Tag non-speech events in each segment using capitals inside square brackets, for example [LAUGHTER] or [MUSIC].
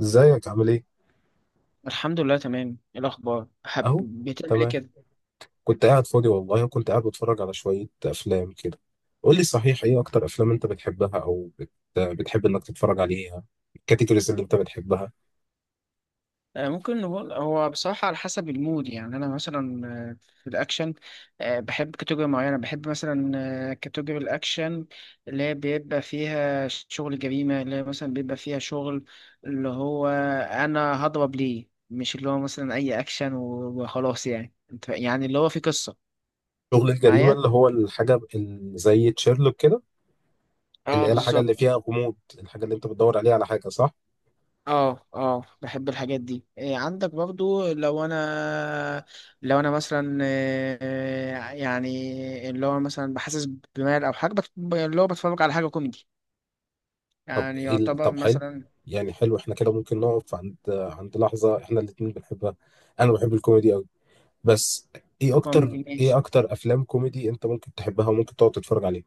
ازيك؟ عامل ايه؟ الحمد لله تمام. إيه الاخبار؟ حب اهو بتعمل ايه تمام. كده؟ كنت قاعد فاضي والله، وكنت قاعد بتفرج على شوية أفلام كده. قول لي صحيح، ايه أكتر أفلام أنت بتحبها أو بتحب إنك تتفرج عليها؟ الكاتيجوريز اللي أنت بتحبها. ممكن نقول هو بصراحة على حسب المود. يعني أنا مثلا في الأكشن. بحب كاتيجوري معينة، بحب مثلا كاتيجوري الأكشن، اللي هي بيبقى فيها شغل جريمة، اللي هي مثلا بيبقى فيها شغل، اللي هو أنا هضرب ليه. مش اللي هو مثلا أي أكشن وخلاص. يعني يعني اللي هو في قصة شغل الجريمة، معايا. اللي هو الحاجة اللي زي تشيرلوك كده، اللي اه، هي الحاجة اللي بالظبط. فيها غموض، الحاجة اللي أنت بتدور عليها على حاجة، صح؟ اه، اه، بحب الحاجات دي. إيه عندك برضو؟ لو انا مثلا يعني اللي هو مثلا بحسس بمال او حاجه، اللي هو بتفرج على حاجه كوميدي، يعني يعتبر طب حلو، مثلا. يعني حلو، احنا كده ممكن نقف عند لحظة احنا الاتنين بنحبها. أنا بحب الكوميدي أوي، بس ايه كوميدي اكتر، ايه ماشي. اكتر افلام كوميدي انت ممكن تحبها وممكن تقعد تتفرج عليها؟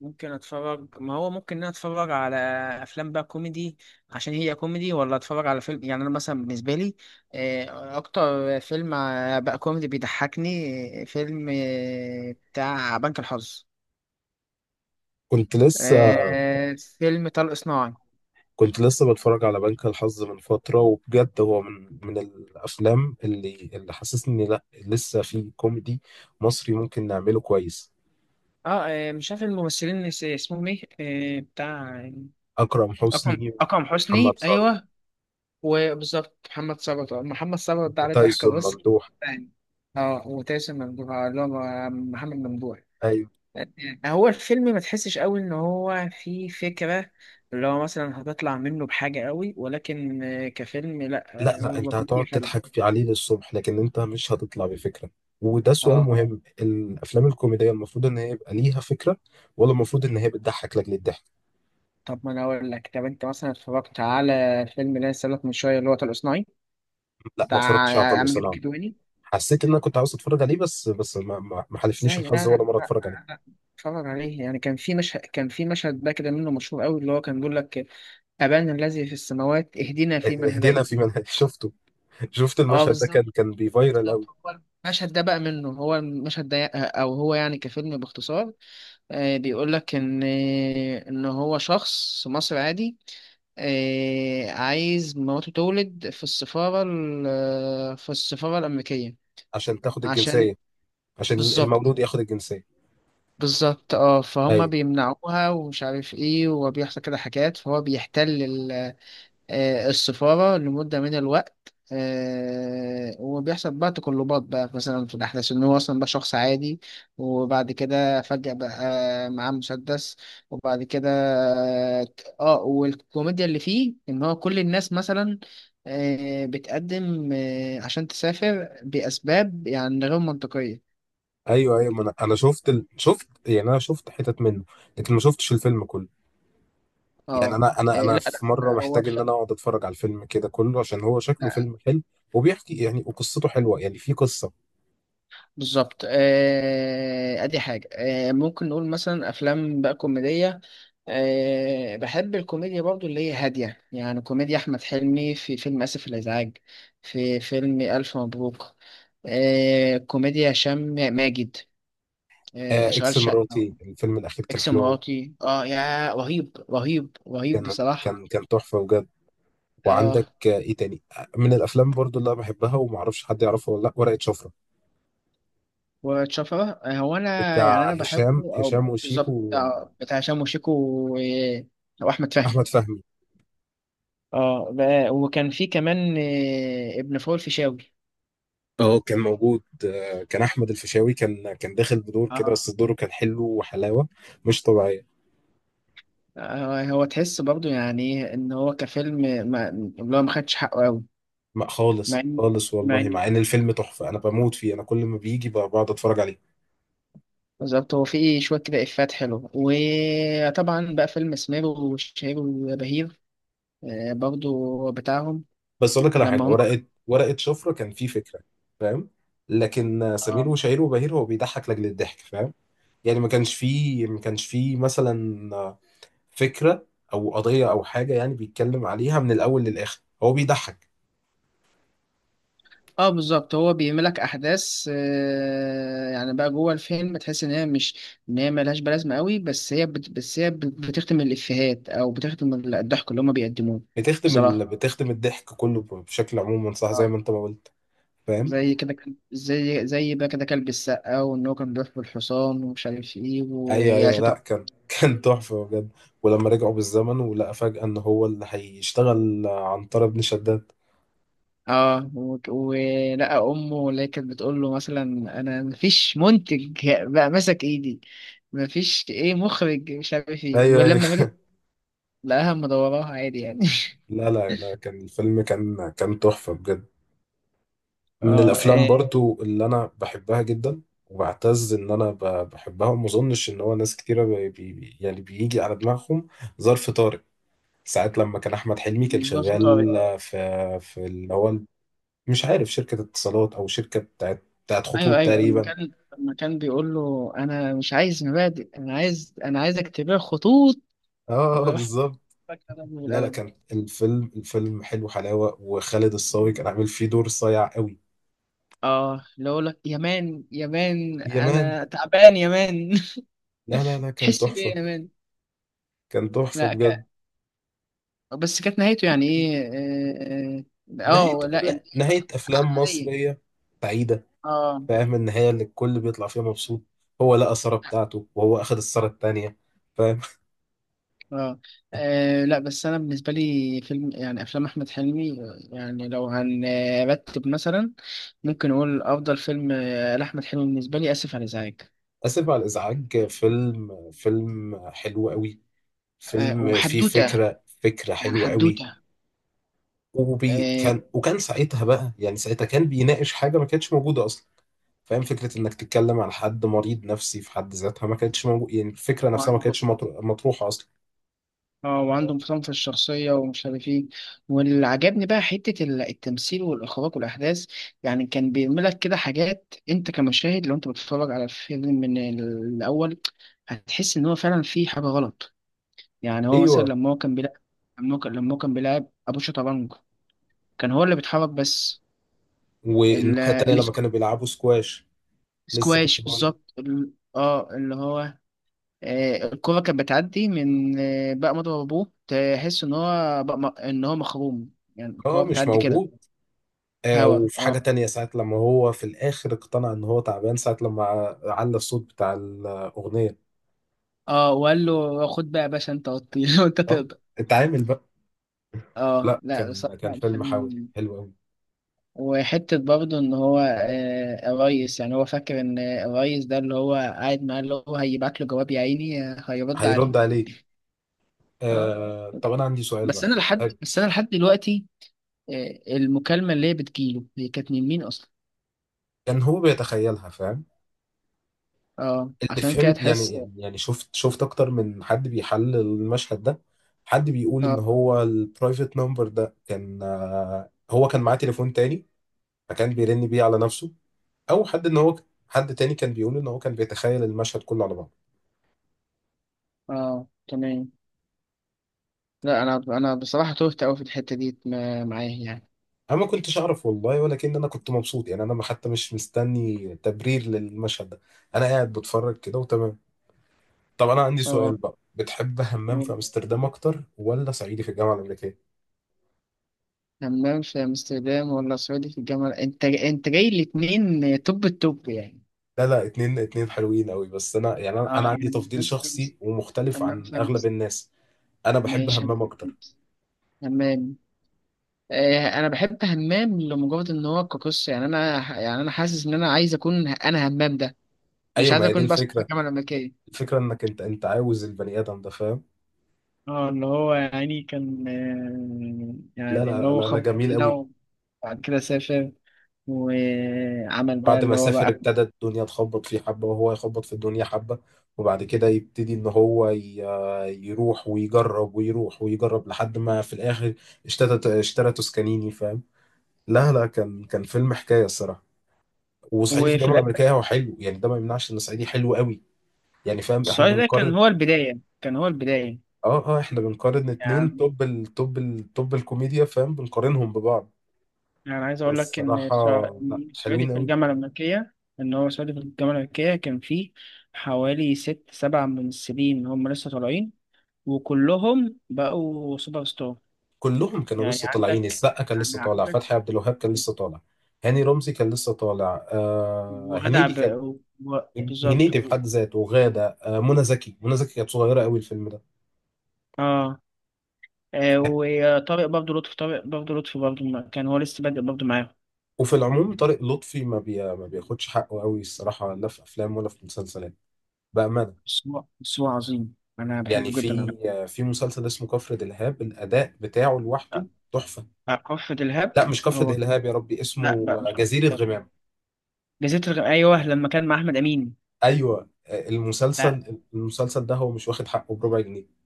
ممكن اتفرج، ما هو ممكن إن انا اتفرج على افلام بقى كوميدي عشان هي كوميدي، ولا اتفرج على فيلم. يعني انا مثلا بالنسبه لي اكتر فيلم بقى كوميدي بيضحكني فيلم بتاع بنك الحظ. كنت لسه فيلم طلق صناعي. كنت لسه بتفرج على بنك الحظ من فترة، وبجد هو من الافلام اللي حسسني إني لا، لسه في كوميدي مصري ممكن نعمله كويس. مش عارف الممثلين اسمهم ايه؟ بتاع... اكرم اكرم حسني، اكرم ومحمد حسني، ثروت، ايوه. وبالظبط محمد ثروت. محمد ثروت ده عليه ضحكه، وتايسون بص. ممدوح. يعني، اه وتاسم ممدوح، اللي هو محمد ممدوح. أيوة. آه، هو الفيلم ما تحسش قوي ان هو فيه فكره اللي هو مثلا هتطلع منه بحاجه قوي، ولكن كفيلم لا، لا لا، هو انت كوميدي هتقعد حلو. تضحك في عليه للصبح، لكن انت مش هتطلع بفكرة. وده سؤال اه، مهم، الافلام الكوميديه المفروض ان هي يبقى ليها فكره، ولا المفروض ان هي بتضحك لاجل الضحك؟ طب ما انا اقول لك، طب انت مثلا اتفرجت على فيلم اللي انا لسه قايل لك من شويه اللي هو طلق صناعي لا، ما بتاع اتفرجتش على طلق عمرو سلام. الكدواني؟ حسيت ان انا كنت عاوز اتفرج عليه، بس بس ما حالفنيش ازاي؟ لا، لا. الحظ ولا لا، مره اتفرج عليه. لا، لا. اتفرج عليه. يعني كان في مشهد، كان في مشهد بقى كده منه مشهور قوي اللي هو كان بيقول لك: ابانا الذي في السماوات، اهدنا في من هدينا هديت. في منهج [LAUGHS] شفته؟ شفت اه، المشهد ده، بالظبط. كان بيفايرال بالظبط قوي. هو المشهد ده بقى منه، هو المشهد ده، او هو يعني كفيلم باختصار بيقول لك ان هو شخص مصري عادي، عايز مراته تولد في السفارة، في السفارة الأمريكية. عشان تاخد عشان... الجنسيه، عشان بالظبط. المولود ياخد الجنسيه. بالظبط اه، فهم ايوه. بيمنعوها ومش عارف ايه، وبيحصل كده حاجات، فهو بيحتل السفارة لمدة من الوقت. وبيحصل بقى تقلبات بقى مثلا في الأحداث إن هو أصلا بقى شخص عادي، وبعد كده فجأة بقى معاه مسدس. وبعد كده، اه، والكوميديا اللي فيه إن هو كل الناس مثلا بتقدم عشان تسافر بأسباب يعني غير منطقية. ايوه ايوه، ما انا شفت، يعني انا شفت حتت منه، لكن ما شفتش الفيلم كله. اه. يعني انا انا لا، انا لا، في مره لا، هو محتاج ان حلو. انا اقعد اتفرج على الفيلم كده كله، عشان هو شكله فيلم حلو، وبيحكي يعني، وقصته حلوه، يعني في قصه. بالظبط. ادي حاجة. ممكن نقول مثلا افلام بقى كوميدية. بحب الكوميديا برضو اللي هي هادية. يعني كوميديا احمد حلمي في فيلم اسف الازعاج، في فيلم الف مبروك، كوميديا هشام ماجد، آه اشغال اكس شقة. مراتي، الفيلم الاخير كان اكس حلو قوي. مراتي، اه يا، رهيب رهيب رهيب كان بصراحة. كان كان تحفه بجد. اه وعندك آه، ايه تاني، آه، من الافلام برضو اللي انا بحبها وما اعرفش حد يعرفها ولا لا، ورقه شفره. وتشفرة، هو انا يعني بتاع انا بحبه. هشام او هشام بالظبط وشيكو، بتاع هشام وشيكو و- واحمد فهمي. واحمد فهمي. وكان في كمان ابن فول فيشاوي. اه كان موجود، آه، كان احمد الفيشاوي كان داخل بدور كده، اه. بس دوره كان حلو وحلاوه مش طبيعيه. هو تحس برضو يعني إيه ان هو كفيلم، ما اللي هو ما خدش حقه قوي. ما مع خالص ان خالص مع والله، ان مع ان الفيلم تحفه، انا بموت فيه، انا كل ما بيجي بقعد اتفرج عليه. بالظبط، هو فيه شويه كده افات حلوه. وطبعا بقى فيلم سمير وشهير وبهير برضو بتاعهم. بس اقول لك على لما حاجه، ورقه شفره كان فيه فكره، فاهم؟ لكن سمير هم، وشهير وبهير هو بيضحك لاجل الضحك، فاهم؟ يعني ما كانش فيه مثلا فكره او قضيه او حاجه يعني بيتكلم عليها من الاول للاخر، هو بيضحك. اه بالظبط. هو بيعملك احداث يعني بقى جوه الفيلم تحس ان هي مش، ان هي ملهاش بلازمه قوي، بس هي بس هي بتختم الافيهات، او بتختم الضحك اللي هما بيقدموه. بصراحه. بتخدم الضحك كله بشكل عموما، صح، زي اه. ما انت ما قلت، فاهم؟ زي بقى كده كلب السقا، وان هو كان بيحب الحصان ومش عارف ايه، ايوه ويا ايوه، لا شطب. كان [LAUGHS] كان تحفه بجد. ولما رجعوا بالزمن، ولقى فجاه ان هو اللي هيشتغل عنتر بن شداد. اه ولقى امه اللي هي كانت بتقول له مثلا: انا مفيش منتج بقى ماسك ايدي، مفيش ايه مخرج، مش عارف ايه. ايوه ايوه. ولما باجي لقاها مدوراها عادي يعني. [LAUGHS] [LAUGHS] لا لا لا، كان الفيلم كان تحفه بجد. اه، من الافلام برضو اللي انا بحبها جدا، وبعتز ان انا بحبها، وما اظنش ان هو ناس كتيره بي بي يعني بيجي على دماغهم، ظرف طارق. ساعات لما كان احمد حلمي كان بالظبط، طارق. شغال في، في اللي هو مش عارف شركه اتصالات، او شركه بتاعت ايوه، خطوط ايوه، لما تقريبا. كان لما كان بيقول له: انا مش عايز مبادئ، انا عايز، انا عايز اكتبها خطوط. اه وراح بالظبط. فجأة ضربه لا لا، بالقلم. كان الفيلم حلو حلاوة، وخالد الصاوي في- كان عامل فيه دور صايع قوي. اه، اللي هو، لك يا مان، يا مان يا مان. انا تعبان يا مان. لا لا [LAUGHS] لا، كان تحس بيه تحفة، يا مان. كان تحفة لا بجد. ك... بس كانت نهايته يعني ايه؟ نهاية، لا إن- نهاية أفلام عادية. مصرية بعيدة، اه فاهم؟ النهاية اللي الكل بيطلع فيها مبسوط، هو لقى سارة بتاعته، وهو أخد السارة التانية، فاهم؟ اه لا، بس انا بالنسبه لي فيلم، يعني افلام احمد حلمي يعني لو هنرتب مثلا، ممكن اقول افضل فيلم لاحمد حلمي بالنسبه لي اسف على الازعاج. [LAUGHS] آسف على الإزعاج، فيلم فيلم حلو قوي، فيلم فيه وحدوته، فكرة، فكرة يعني حلوة قوي. حدوته. وبي آه، كان، وكان ساعتها بقى، يعني ساعتها كان بيناقش حاجة ما كانتش موجودة أصلا، فاهم؟ فكرة إنك تتكلم عن حد مريض نفسي في حد ذاتها ما كانتش موجود، يعني الفكرة نفسها ما وعنده كانتش مطروحة أصلا. اه آه، وعنده انفصام في الشخصيه ومش عارف ايه. واللي عجبني بقى حته التمثيل والاخراج والاحداث. يعني كان بيعمل لك كده حاجات، انت كمشاهد لو انت بتتفرج على الفيلم من الاول هتحس ان هو فعلا في حاجه غلط. يعني هو مثلا أيوه. لما هو كان بيلعب، لما هو كان بيلعب ابو شطرنج، كان هو اللي بيتحرك بس. ال- والناحية التانية لما السك- كانوا بيلعبوا سكواش، لسه كنت السكواش بقول. بالظبط. اللي هو الكرة كانت بتعدي من بقى مضرب ابوه، تحس ان هو بقى ان هو مخروم يعني، الكرة اه مش بتعدي كده. موجود. آه هوا وفي اه. حاجة تانية، ساعة لما هو في الآخر اقتنع إن هو تعبان، ساعة لما علّى الصوت بتاع الأغنية. اه وقال له: خد بقى يا باشا، انت وطي، [LAUGHS] وانت آه، تقدر. اتعامل بقى. اه. لا لا كان، كان بصراحة فيلم حاوي الفيلم... حلو أوي. وحتة برضه إن هو الريس، يعني هو فاكر إن الريس ده اللي هو قاعد معاه اللي هو هيبعت له جواب يا عيني، هيرد هيرد عليه. عليك. اه. آه طب أنا عندي سؤال بس بقى. أنا لحد آه، بس أنا لحد دلوقتي، المكالمة اللي هي بتجيله هي كانت من مين أصلا؟ كان هو بيتخيلها، فاهم؟ أه، اللي عشان كده فهمت يعني، تحس. يعني شفت، شفت اكتر من حد بيحلل المشهد ده. حد بيقول ان أه، هو البرايفت نمبر ده كان، آه، هو كان معاه تليفون تاني، فكان بيرن بيه على نفسه. او حد ان هو، حد تاني كان بيقول ان هو كان بيتخيل المشهد كله على بعضه. أه، تمام. لا، أنا بصراحة تهت أوي في الحتة دي معاه يعني. انا ما كنتش اعرف والله، ولكن انا كنت مبسوط، يعني انا ما- حتى مش مستني تبرير للمشهد ده، انا قاعد بتفرج كده وتمام. طب انا عندي أه. سؤال بقى، بتحب همام آه. في امستردام اكتر، ولا صعيدي في الجامعه الامريكيه؟ همام في أمستردام ولا سعودي في الجامعة؟ أنت جاي الاتنين توب التوب يعني. لا لا، اتنين اتنين حلوين قوي، بس انا يعني، أنا اه عندي يعني، تفضيل همام في أمس- شخصي ومختلف همام عن في اغلب أمستردام. الناس. انا بحب ماشي. همام اكتر. همام. انا بحب همام لمجرد ان هو كقصه. يعني انا حاسس ان انا عايز اكون انا همام ده، مش ايوه، عايز ما هي دي اكون بس في الفكره، الجامعه الامريكيه. الفكره انك انت، انت عاوز البني ادم ده، فاهم؟ اه، اللي هو يعني كان لا يعني اللي لا هو لا لا خب جميل هنا، قوي. وبعد كده سافر، وعمل بقى بعد اللي ما هو سافر، بقى. ابتدى الدنيا تخبط فيه حبه، وهو يخبط في الدنيا حبه. وبعد كده يبتدي ان هو يروح ويجرب، ويروح ويجرب، لحد ما في الاخر اشترى توسكانيني، فاهم؟ لا لا، كان كان فيلم حكايه الصراحه. وصعيدي في وفي الجامعه الآخر، الامريكيه هو حلو يعني، ده ما يمنعش ان صعيدي حلو قوي، يعني فاهم احنا السؤال ده كان بنقارن. هو البداية كان هو البداية اه اه احنا بنقارن اتنين يعني توب التوب، التوب الكوميديا، فاهم، بنقارنهم ببعض. يعني عايز أقول بس لك إن الصراحة، لا السعودي حلوين في قوي. الجامعة الأمريكية، إن هو سعودي في الجامعة الأمريكية كان فيه حوالي ست سبع ممثلين هم لسه طالعين، وكلهم بقوا سوبر ستار. كلهم كانوا يعني لسه طالعين، عندك السقا كان لسه يعني طالع، عندك فتحي عبد الوهاب كان لسه طالع، هاني رمزي كان لسه طالع، آه وغادة هنيدي كان، و... بالظبط هنيدي بحد ذاته، وغادة، آه منى زكي، منى زكي كانت صغيرة قوي الفيلم ده. آه وطارق برضه لطفي. طارق برضه لطفي برضه ما- كان هو لسه بادئ برضه معاهم. وفي العموم طارق لطفي ما بياخدش حقه قوي الصراحة، لا في أفلام ولا في مسلسلات، بأمانة. بس هو عظيم، أنا يعني بحبه جدا أنا. في، في مسلسل اسمه كفر دلهاب، الأداء بتاعه لوحده آه، تحفة. كفر دلهاب. لا مش كفر هو دلهاب، يا ربي لا اسمه بقى مش كفر، جزيرة غمام. جزيرة الغم. أيوه، لما كان مع أحمد أمين. أيوة، لا، المسلسل، المسلسل ده هو مش واخد حقه بربع جنيه.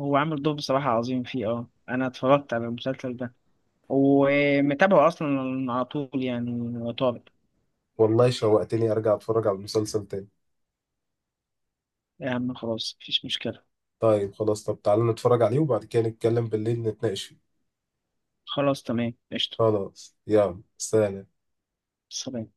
هو عامل دور بصراحة عظيم فيه. أه، أنا اتفرجت على المسلسل ده ومتابعه أصلا على طول يعني طارق. والله شوقتني أرجع أتفرج على المسلسل تاني. يا عم خلاص مفيش مشكلة. طيب خلاص، طب تعالى نتفرج عليه، وبعد كده نتكلم بالليل نتناقش فيه. خلاص تمام، قشطة. خلاص، يلا سلام. سلام.